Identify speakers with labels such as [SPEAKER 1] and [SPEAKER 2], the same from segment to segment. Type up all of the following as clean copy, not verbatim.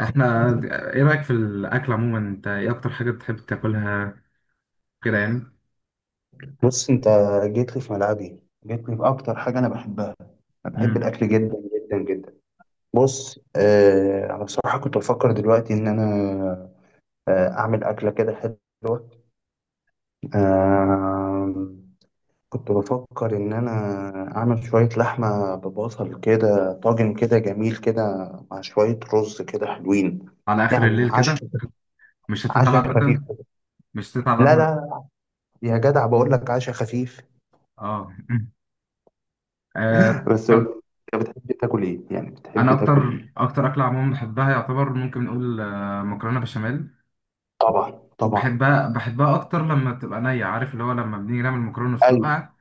[SPEAKER 1] احنا ايه رأيك في الاكل عموما؟ انت ايه اكتر حاجة بتحب تاكلها كده يعني؟
[SPEAKER 2] بص انت، جيت لي في ملعبي. جيت لي في اكتر حاجه انا بحبها. انا بحب
[SPEAKER 1] امم
[SPEAKER 2] الاكل جدا، جدا جدا. بص انا بصراحه كنت بفكر دلوقتي ان انا اعمل اكله كده حلوه. آه كنت بفكر ان انا اعمل شويه لحمه ببصل كده، طاجن كده جميل كده، مع شويه رز كده حلوين.
[SPEAKER 1] على اخر
[SPEAKER 2] يعني
[SPEAKER 1] الليل كده.
[SPEAKER 2] عشاء
[SPEAKER 1] مش هتتعب
[SPEAKER 2] عشاء خفيف.
[SPEAKER 1] ابدا. مش هتتعب
[SPEAKER 2] لا
[SPEAKER 1] ابدا.
[SPEAKER 2] لا، يا جدع بقول لك عشاء خفيف.
[SPEAKER 1] اه. آه،
[SPEAKER 2] بس قول لي، انت بتحب تاكل ايه؟ يعني بتحب
[SPEAKER 1] انا
[SPEAKER 2] تاكل
[SPEAKER 1] اكتر
[SPEAKER 2] ايه؟
[SPEAKER 1] اكتر اكله عموما بحبها، يعتبر ممكن نقول مكرونه بشاميل،
[SPEAKER 2] طبعا، طبعا.
[SPEAKER 1] وبحبها اكتر لما بتبقى نيه. عارف اللي هو لما بنيجي نعمل مكرونه
[SPEAKER 2] ايوه.
[SPEAKER 1] نسلقها،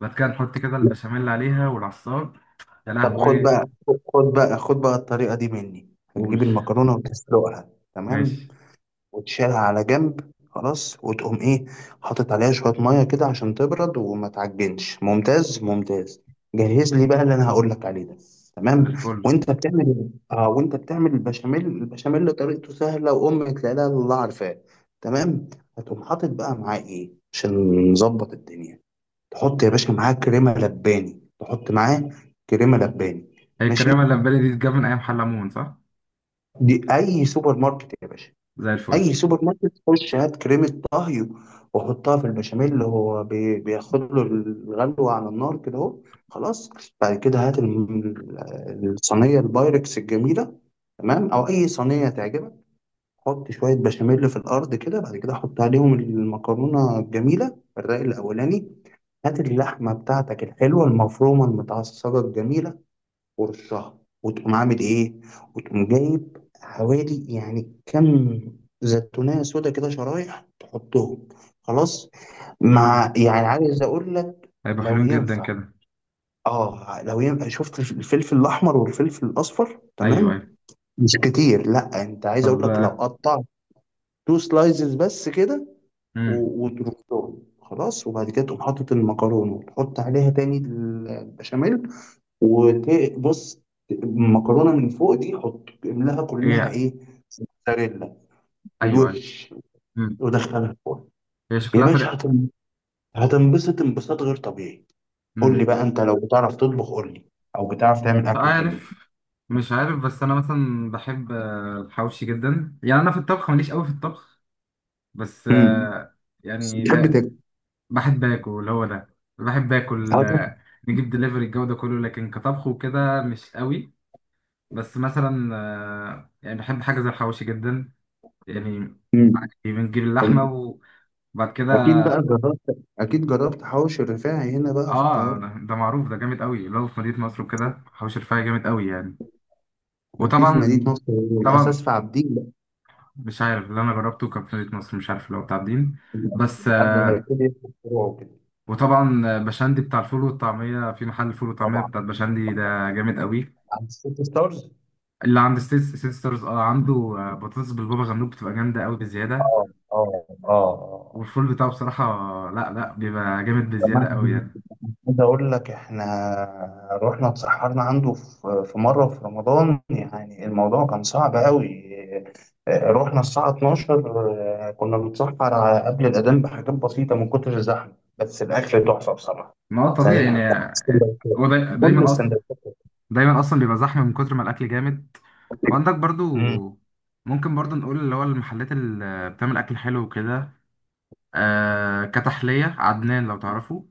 [SPEAKER 1] بعد كده نحط كده
[SPEAKER 2] لا.
[SPEAKER 1] البشاميل عليها والعصار. يا
[SPEAKER 2] طب خد
[SPEAKER 1] لهوي.
[SPEAKER 2] بقى، خد بقى خد بقى الطريقه دي مني. هتجيب
[SPEAKER 1] قول.
[SPEAKER 2] المكرونه وتسلقها. تمام.
[SPEAKER 1] ماشي.
[SPEAKER 2] وتشيلها على جنب خلاص، وتقوم ايه؟ حاطط عليها شويه ميه كده عشان تبرد وما تعجنش. ممتاز، ممتاز. جهز لي بقى اللي انا هقول لك عليه ده.
[SPEAKER 1] زي
[SPEAKER 2] تمام.
[SPEAKER 1] الفل.
[SPEAKER 2] وانت بتعمل إيه؟ اه، وانت بتعمل البشاميل. البشاميل طريقته سهله، وامك لا اله الا الله عارفاه. تمام. هتقوم حاطط بقى معاه ايه عشان نظبط الدنيا؟ تحط يا باشا معاه كريمه لباني، تحط معاه كريمه لباني.
[SPEAKER 1] هي
[SPEAKER 2] ماشي.
[SPEAKER 1] الكريمه اللي في بالي دي اتجاب من ايام حلمون صح؟
[SPEAKER 2] دي اي سوبر ماركت يا باشا.
[SPEAKER 1] زي الفل.
[SPEAKER 2] اي سوبر ماركت، خش هات كريمه طهي وحطها في البشاميل اللي هو بياخد له الغلوه على النار كده اهو. خلاص. بعد كده هات الصينيه البايركس الجميله. تمام، او اي صينيه تعجبك. حط شوية بشاميل في الأرض كده، بعد كده حط عليهم المكرونة الجميلة، الرق الأولاني. هات اللحمة بتاعتك الحلوة المفرومة المتعصجة الجميلة ورشها، وتقوم عامل إيه؟ وتقوم جايب حوالي يعني كم زيتونية سودا كده شرايح تحطهم. خلاص. مع، يعني عايز أقول لك
[SPEAKER 1] هيبقوا
[SPEAKER 2] لو
[SPEAKER 1] حلوين جدا
[SPEAKER 2] ينفع،
[SPEAKER 1] كده.
[SPEAKER 2] لو ينفع شفت الفلفل الأحمر والفلفل الأصفر؟
[SPEAKER 1] ايوه
[SPEAKER 2] تمام.
[SPEAKER 1] ايوه.
[SPEAKER 2] مش كتير، لا، أنت عايز
[SPEAKER 1] طب.
[SPEAKER 2] أقول لك لو قطعت تو سلايزز بس كده
[SPEAKER 1] امم.
[SPEAKER 2] وترصهم، خلاص. وبعد كده تقوم حاطط المكرونه وتحط عليها تاني البشاميل. وبص، المكرونه من فوق دي حط املاها
[SPEAKER 1] ايه
[SPEAKER 2] كلها
[SPEAKER 1] ايوه
[SPEAKER 2] ايه؟ موتزاريلا
[SPEAKER 1] ايوه.
[SPEAKER 2] بالوش.
[SPEAKER 1] امم.
[SPEAKER 2] ودخلها الفرن
[SPEAKER 1] هي
[SPEAKER 2] يا
[SPEAKER 1] شكلها
[SPEAKER 2] باشا،
[SPEAKER 1] طريقة.
[SPEAKER 2] هتنبسط انبساط غير طبيعي. قول لي
[SPEAKER 1] امم.
[SPEAKER 2] بقى انت لو بتعرف تطبخ قول لي، او بتعرف تعمل اكل حلو.
[SPEAKER 1] عارف، مش عارف. بس انا مثلا بحب الحواوشي جدا. يعني انا في الطبخ ماليش قوي في الطبخ. بس
[SPEAKER 2] امم بتحب
[SPEAKER 1] يعني تا-
[SPEAKER 2] تاكل؟
[SPEAKER 1] بحب اكل، هو ده، بحب اكل.
[SPEAKER 2] حاضر؟
[SPEAKER 1] نجيب دليفري الجو ده كله، لكن كطبخ وكده مش قوي. بس مثلا يعني بحب حاجه زي الحواوشي جدا يعني.
[SPEAKER 2] امم
[SPEAKER 1] بنجيب اللحمه و... بعد كده.
[SPEAKER 2] اكيد بقى جربت، اكيد جربت حوش الرفاعي هنا بقى في
[SPEAKER 1] اه،
[SPEAKER 2] القاهره.
[SPEAKER 1] ده معروف، ده جامد قوي. اللي هو في مدينة نصر وكده، حوش الرفاعي جامد قوي يعني.
[SPEAKER 2] في
[SPEAKER 1] وطبعا
[SPEAKER 2] مدينة نصر. الأساس
[SPEAKER 1] طبعا.
[SPEAKER 2] في عابدين.
[SPEAKER 1] مش عارف، اللي انا جربته كان في مدينة نصر، مش عارف اللي هو بتاع الدين.
[SPEAKER 2] لا،
[SPEAKER 1] بس
[SPEAKER 2] قبل ما
[SPEAKER 1] آه.
[SPEAKER 2] يبتدي يفتح فروع وكده.
[SPEAKER 1] وطبعا بشندي، بتاع الفول والطعمية، في محل فول وطعمية
[SPEAKER 2] طبعا.
[SPEAKER 1] بتاع بشندي ده، جامد قوي.
[SPEAKER 2] عند سيتي ستارز.
[SPEAKER 1] اللي عند ستيت ستارز. اه عنده بطاطس بالبابا غنوج بتبقى جامدة قوي بزيادة.
[SPEAKER 2] اه اه اه، آه.
[SPEAKER 1] والفول بتاعه بصراحة، لا لا، بيبقى جامد
[SPEAKER 2] كمان
[SPEAKER 1] بزيادة قوي يعني.
[SPEAKER 2] عايز أقول لك، إحنا رحنا اتسحرنا عنده في مرة في رمضان يعني، الموضوع كان صعب أوي. رحنا الساعة 12، كنا بنتسحر على قبل الأذان بحاجات بسيطة من كتر الزحمة. بس الأكل تحفة بصراحة.
[SPEAKER 1] ما هو طبيعي يعني.
[SPEAKER 2] سندوتشات- كل
[SPEAKER 1] دايما اصلا،
[SPEAKER 2] السندوتشات.
[SPEAKER 1] دايما اصلا بيبقى زحمه من كتر ما الاكل جامد. وعندك
[SPEAKER 2] مم.
[SPEAKER 1] برضو، ممكن برضو نقول اللي هو المحلات اللي بتعمل اكل حلو وكده، آه كتحليه عدنان لو تعرفه.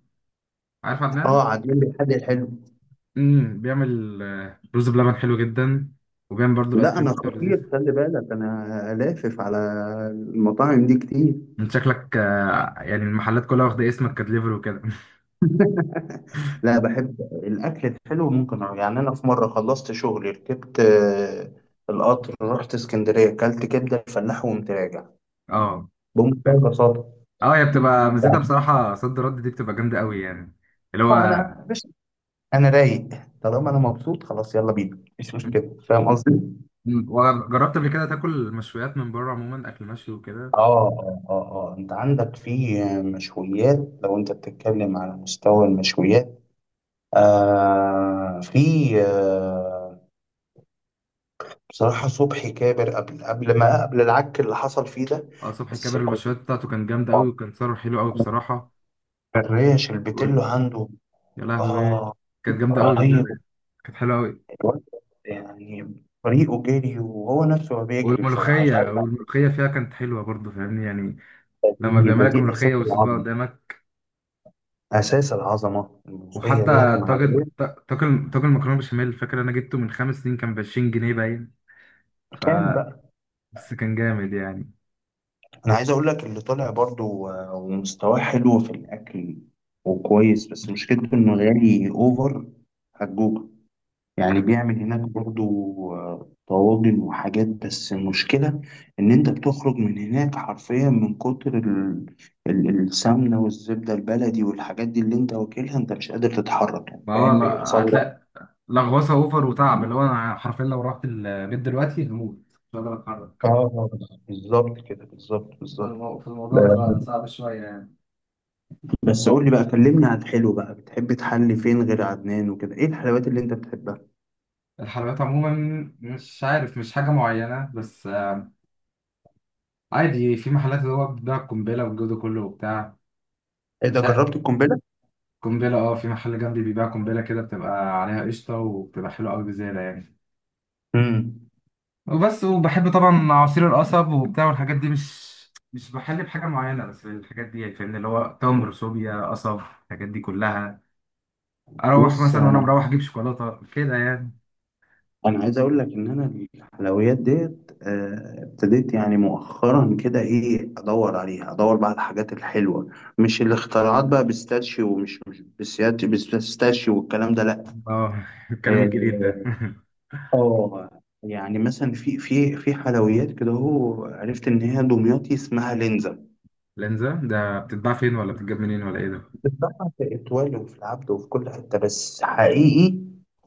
[SPEAKER 1] عارف عدنان.
[SPEAKER 2] اه، عاملين لي حل حلو.
[SPEAKER 1] امم. بيعمل رز بلبن حلو جدا، وبيعمل برضو الايس
[SPEAKER 2] لا
[SPEAKER 1] كريم
[SPEAKER 2] انا
[SPEAKER 1] بتاعه لذيذ.
[SPEAKER 2] خطير، خلي بالك انا لافف على المطاعم دي كتير.
[SPEAKER 1] انت شكلك آه يعني المحلات كلها واخده اسمك كدليفري وكده
[SPEAKER 2] لا، بحب الاكل الحلو ممكن أروح. يعني انا في مره خلصت شغلي، ركبت القطر، رحت اسكندريه، اكلت كبده الفلاح وقمت راجع
[SPEAKER 1] اه
[SPEAKER 2] بمنتهى البساطه.
[SPEAKER 1] اه. هي بتبقى ميزتها
[SPEAKER 2] يعني
[SPEAKER 1] بصراحه صد رد، دي بتبقى جامده قوي يعني، اللي هو.
[SPEAKER 2] انا بس، انا رايق. طالما انا مبسوط خلاص يلا بينا، مش مشكله، فاهم قصدي؟
[SPEAKER 1] مم. وجربت قبل كده تاكل مشويات من بره عموما، اكل مشوي وكده؟
[SPEAKER 2] اه اه اه، آه. انت عندك في مشويات. لو انت بتتكلم على مستوى المشويات، في آه بصراحة صبحي كابر، قبل قبل ما قبل العك اللي حصل فيه ده.
[SPEAKER 1] اه صبحي
[SPEAKER 2] بس
[SPEAKER 1] كاميرا،
[SPEAKER 2] كنت،
[SPEAKER 1] المشويات بتاعته كان جامدة أوي،
[SPEAKER 2] آه،
[SPEAKER 1] وكان سعره حلو أوي بصراحة.
[SPEAKER 2] الريش البتلو
[SPEAKER 1] وال-
[SPEAKER 2] عنده
[SPEAKER 1] يا لهوي.
[SPEAKER 2] آه
[SPEAKER 1] كانت جامدة أوي بزيادة
[SPEAKER 2] رهيب.
[SPEAKER 1] يعني. كانت حلوة أوي.
[SPEAKER 2] الواد يعني، طريقه جري وهو نفسه ما بيجري بصراحة، مش عارف.
[SPEAKER 1] والملوخية، والملوخية فيها كانت حلوة برضه، فاهمني يعني؟ لما
[SPEAKER 2] دي
[SPEAKER 1] بيعملك
[SPEAKER 2] أساس
[SPEAKER 1] ملوخية ويصبها
[SPEAKER 2] العظمة.
[SPEAKER 1] قدامك.
[SPEAKER 2] أساس العظمة الموسيقية ديت
[SPEAKER 1] وحتى
[SPEAKER 2] مع
[SPEAKER 1] طاجن
[SPEAKER 2] الريش.
[SPEAKER 1] طاجن مكرونة بشاميل، فاكر أنا جبته من خمس سنين كان ب 20 جنيه باين. ف
[SPEAKER 2] كان بقى.
[SPEAKER 1] بس كان جامد يعني.
[SPEAKER 2] أنا عايز أقول لك، اللي طالع برضو ومستواه حلو في الأكل وكويس، بس مشكلته إنه غالي أوفر. هتجوع. يعني بيعمل هناك برضو طواجن وحاجات، بس المشكلة إن أنت بتخرج من هناك حرفيا من كتر السمنة والزبدة البلدي والحاجات دي اللي أنت واكلها، أنت مش قادر تتحرك يعني،
[SPEAKER 1] ما هو
[SPEAKER 2] فاهم
[SPEAKER 1] لا،
[SPEAKER 2] بيحصل لك؟
[SPEAKER 1] هتلاقي لغوصه اوفر وتعب. اللي هو انا حرفيا لو رحت البيت دلوقتي هموت، مش هقدر
[SPEAKER 2] اه،
[SPEAKER 1] اتحرك.
[SPEAKER 2] بالظبط كده، بالظبط، بالظبط.
[SPEAKER 1] فالموضوع
[SPEAKER 2] لا،
[SPEAKER 1] بيبقى صعب شويه.
[SPEAKER 2] بس قول لي بقى، كلمني عن الحلو بقى، بتحب تحلي فين غير عدنان وكده؟ إيه الحلويات اللي أنت بتحبها؟
[SPEAKER 1] الحلويات عموما مش عارف، مش حاجة معينة، بس عادي في محلات اللي هو بتبيع قنبلة والجو ده كله وبتاع.
[SPEAKER 2] إيه ده
[SPEAKER 1] مش عارف.
[SPEAKER 2] جربت القنبلة؟
[SPEAKER 1] قنبلة، اه في محل جنبي بيبيع قنبلة كده، بتبقى عليها قشطة وبتبقى حلوة أوي بزيادة يعني.
[SPEAKER 2] امم.
[SPEAKER 1] وبس. وبحب طبعا عصير القصب وبتاع، والحاجات دي. مش بحل بحاجة معينة، بس الحاجات دي، يعني فاهمني اللي هو تمر، صوبيا، قصب، الحاجات دي كلها. أروح
[SPEAKER 2] بص
[SPEAKER 1] مثلا وأنا
[SPEAKER 2] أنا،
[SPEAKER 1] مروح أجيب شوكولاتة كده يعني.
[SPEAKER 2] انا عايز اقول لك ان انا الحلويات ديت ابتديت يعني مؤخرا كده ايه ادور عليها، ادور بقى على الحاجات الحلوه. مش الاختراعات بقى بيستاشيو، ومش مش بيستاشيو والكلام ده، لا.
[SPEAKER 1] اه الكلام
[SPEAKER 2] اه
[SPEAKER 1] الجديد ده
[SPEAKER 2] يعني مثلا في حلويات كده، هو عرفت ان هي دمياطي اسمها لينزا.
[SPEAKER 1] لانزا ده بتتباع فين، ولا بتتجاب منين، ولا ايه؟
[SPEAKER 2] بتتباع في اتوال وفي العبد وفي كل حته، بس حقيقي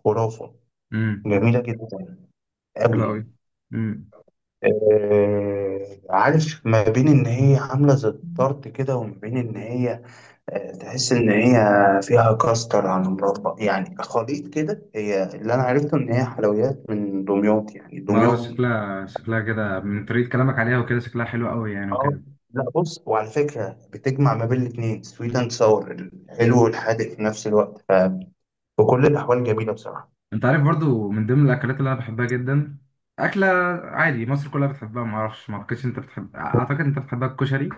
[SPEAKER 2] خرافه،
[SPEAKER 1] ده؟
[SPEAKER 2] جميله جدا
[SPEAKER 1] حلو قوي.
[SPEAKER 2] قوي.
[SPEAKER 1] امم.
[SPEAKER 2] عارف، ما بين ان هي عامله زي الطرد كده، وما بين ان هي تحس ان هي فيها كاستر على مربى، يعني خليط كده. هي اللي انا عرفته ان هي حلويات من دمياط يعني،
[SPEAKER 1] ما هو
[SPEAKER 2] دمياطي يعني.
[SPEAKER 1] شكلها، شكلها كده من طريقة كلامك عليها وكده شكلها حلو قوي يعني
[SPEAKER 2] اه.
[SPEAKER 1] وكده.
[SPEAKER 2] لا بص، وعلى فكره بتجمع ما بين الاثنين، سويت اند ساور، الحلو والحادق في نفس الوقت. فبكل الاحوال جميله بصراحه.
[SPEAKER 1] انت عارف برضو من ضمن الاكلات اللي انا بحبها جدا، اكلة عادي مصر كلها بتحبها، ما اعرفش، ما اعتقدش انت بتحب، اعتقد انت بتحبها، الكشري.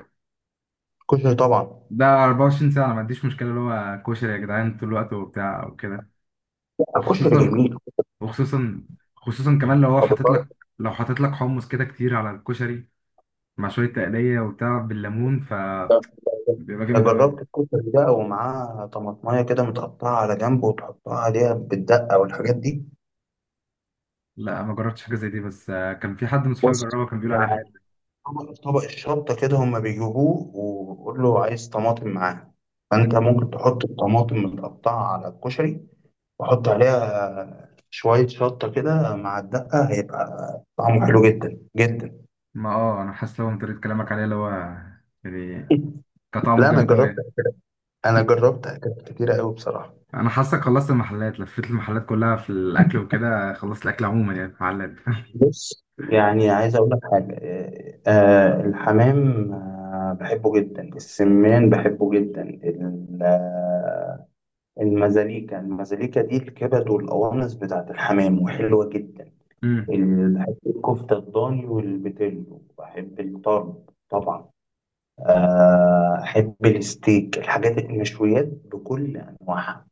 [SPEAKER 2] كشري طبعا.
[SPEAKER 1] ده 24 ساعة انا ما عنديش مشكلة اللي هو كشري يا جدعان طول الوقت وبتاع وكده.
[SPEAKER 2] كشري
[SPEAKER 1] وخصوصا،
[SPEAKER 2] جميل.
[SPEAKER 1] وخصوصا خصوصا كمان لو هو حاطط لك، لو حاطط لك حمص كده كتير على الكشري، مع شوية تقلية وبتاع بالليمون، فبيبقى
[SPEAKER 2] ده
[SPEAKER 1] جامد قوي.
[SPEAKER 2] جربت الكشري بقى ومعاه طماطمايه كده متقطعه على جنب وتحطها عليها بالدقه والحاجات دي؟
[SPEAKER 1] لا، ما جربتش حاجه زي دي، بس كان في حد من صحابي
[SPEAKER 2] بص،
[SPEAKER 1] جربها، كان بيقول عليها حلو.
[SPEAKER 2] يعني، طبق الشطه كده هما بيجيبوه، وقول له عايز طماطم معاه، فانت ممكن تحط الطماطم متقطعه على الكشري، وحط عليها شويه شطه كده مع الدقه، هيبقى طعمه حلو جدا، جدا.
[SPEAKER 1] ما اه انا حاسس لو من طريقه كلامك عليه اللي هو يعني كطعمه
[SPEAKER 2] لا انا
[SPEAKER 1] جامد
[SPEAKER 2] جربت،
[SPEAKER 1] قوي.
[SPEAKER 2] انا جربت اكلات كتيره قوي بصراحه.
[SPEAKER 1] انا حاسك خلصت المحلات، لفيت المحلات كلها في الاكل وكده، خلصت الاكل عموما يعني في المحلات
[SPEAKER 2] بص، يعني عايز اقول لك حاجه، الحمام بحبه جدا، السمان بحبه جدا، المزاليكا. المزاليكا دي الكبد والقوانص بتاعت الحمام، وحلوه جدا.
[SPEAKER 1] أمم.
[SPEAKER 2] بحب الكفته الضاني والبتلو، بحب الطرب طبعا. احب الستيك، الحاجات المشويات بكل انواعها،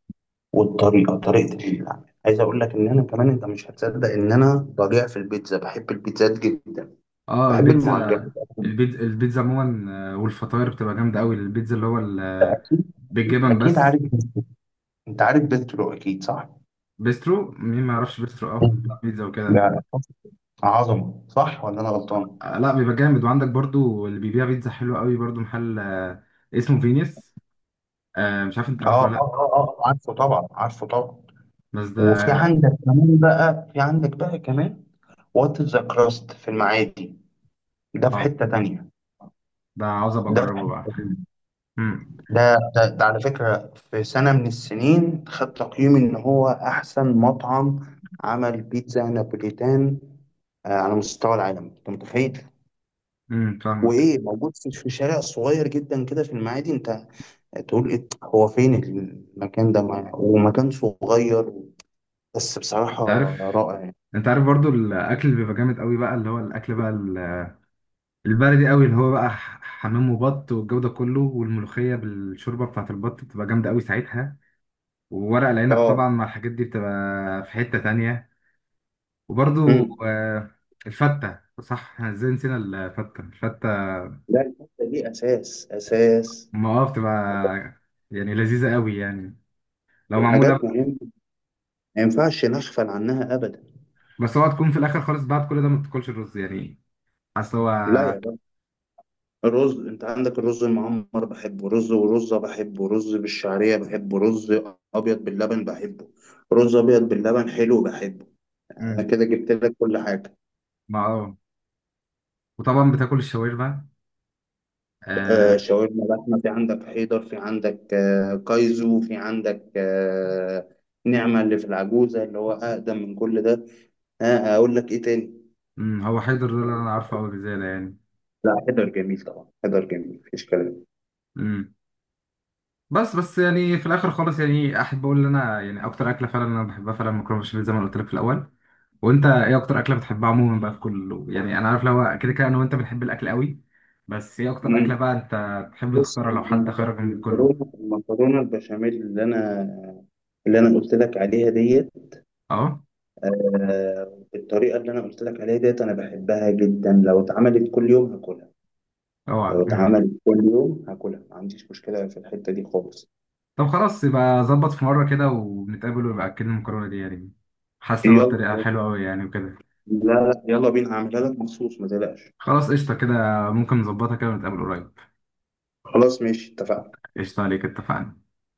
[SPEAKER 2] والطريقه، طريقه العمل. عايز اقول لك ان انا كمان، انت مش هتصدق ان انا بضيع في البيتزا، بحب البيتزا جدا،
[SPEAKER 1] اه
[SPEAKER 2] بحب المعجنات.
[SPEAKER 1] البيتزا. البيتزا، البيتزا عموما والفطاير بتبقى جامده قوي. البيتزا اللي هو
[SPEAKER 2] اكيد.
[SPEAKER 1] بالجبن
[SPEAKER 2] اكيد
[SPEAKER 1] بس.
[SPEAKER 2] عارف. انت عارف بيسترو اكيد صح؟
[SPEAKER 1] بيسترو، مين ما يعرفش بيسترو؟ اه،
[SPEAKER 2] مم.
[SPEAKER 1] بيتزا وكده.
[SPEAKER 2] ده عظمه صح ولا انا غلطان؟
[SPEAKER 1] لا بيبقى جامد. وعندك برضو اللي بيبيع بيتزا حلوه قوي برضو، محل اسمه فينيس. آه مش عارف انت
[SPEAKER 2] اه
[SPEAKER 1] عارفه ولا لا.
[SPEAKER 2] اه اه اه، عارفه طبعا، عارفه طبعا.
[SPEAKER 1] بس ده.
[SPEAKER 2] وفي عندك كمان بقى، في عندك بقى كمان وات ذا كراست في المعادي، ده في
[SPEAKER 1] اه
[SPEAKER 2] حته تانية،
[SPEAKER 1] ده عاوز ابقى
[SPEAKER 2] ده في
[SPEAKER 1] اجربه
[SPEAKER 2] حته
[SPEAKER 1] بقى.
[SPEAKER 2] تانية.
[SPEAKER 1] امم.
[SPEAKER 2] ده ده على فكره في سنه من السنين خد تقييم ان هو احسن مطعم عمل بيتزا نابوليتان على مستوى العالم، انت متخيل؟
[SPEAKER 1] فاهمك.
[SPEAKER 2] وايه موجود في شارع صغير جدا كده في المعادي. انت تقول إيه، هو فين المكان ده ومكان صغير، بس بصراحة
[SPEAKER 1] انت عارف.
[SPEAKER 2] رائع يعني.
[SPEAKER 1] انت عارف برضو الاكل اللي بيبقى جامد قوي بقى، اللي هو الاكل بقى البلدي قوي، اللي هو بقى حمام وبط والجو ده كله، والملوخيه بالشوربه بتاعت البط بتبقى جامده قوي ساعتها. وورق العنب
[SPEAKER 2] اه.
[SPEAKER 1] طبعا مع الحاجات دي بتبقى في حته تانية. وبرضو
[SPEAKER 2] امم.
[SPEAKER 1] آه الفته، صح؟ احنا ازاي نسينا الفته؟ الفته
[SPEAKER 2] لا الحته دي اساس، اساس.
[SPEAKER 1] ما اه بتبقى يعني لذيذه قوي يعني، لو
[SPEAKER 2] دي
[SPEAKER 1] معموله.
[SPEAKER 2] حاجات مهمة ما ينفعش نغفل عنها ابدا.
[SPEAKER 1] بس هو تكون في الاخر خالص بعد كل ده ما بتاكلش الرز يعني، اصل هو.
[SPEAKER 2] لا يا بابا، الرز، انت عندك الرز المعمر بحبه، رز ورزة بحبه، رز بالشعرية بحبه، رز ابيض باللبن بحبه. رز ابيض باللبن حلو بحبه. انا
[SPEAKER 1] مم.
[SPEAKER 2] كده جبت لك كل حاجة.
[SPEAKER 1] ما اه. وطبعا بتاكل الشاورما. آه.
[SPEAKER 2] شاورما لحمة، في عندك حيدر، في عندك كايزو، في عندك نعمة اللي في العجوزة اللي هو أقدم من كل ده. أقول لك إيه تاني؟
[SPEAKER 1] أمم، هو حيدر ده اللي انا عارفه قوي بزياده يعني.
[SPEAKER 2] لا، حيدر جميل طبعا، حيدر جميل مفيش كلام.
[SPEAKER 1] امم. بس بس يعني في الاخر خالص، يعني احب اقول ان انا يعني اكتر اكله فعلا انا بحبها فعلا مكرونه بشاميل، زي ما أنا قلت لك في الاول. وانت ايه اكتر اكله بتحبها عموما بقى في كله؟ يعني انا عارف لو كده انا وانت بنحب الاكل قوي، بس ايه اكتر اكله
[SPEAKER 2] مم.
[SPEAKER 1] بقى انت تحب
[SPEAKER 2] بص
[SPEAKER 1] تختارها لو حد
[SPEAKER 2] المك-
[SPEAKER 1] خيرك من كله؟
[SPEAKER 2] المكرونة المكرونة البشاميل اللي أنا قلت لك عليها ديت،
[SPEAKER 1] اه
[SPEAKER 2] بالطريقة اللي أنا قلت لك عليها ديت أنا بحبها جدا، لو اتعملت كل يوم هاكلها.
[SPEAKER 1] اوعى
[SPEAKER 2] لو اتعملت كل يوم هاكلها ما عنديش مشكلة في الحتة دي خالص.
[SPEAKER 1] طب خلاص، يبقى ظبط في مرة كده ونتقابل ويبقى أكلنا المكرونة دي يعني. حاسس هو الطريقة
[SPEAKER 2] يلا،
[SPEAKER 1] حلوة أوي يعني وكده.
[SPEAKER 2] لا لا، يلا بينا هعملها لك مخصوص، ما تقلقش.
[SPEAKER 1] خلاص قشطة كده. ممكن نظبطها كده ونتقابل قريب.
[SPEAKER 2] خلاص ماشي، اتفقنا.
[SPEAKER 1] قشطة عليك، اتفقنا.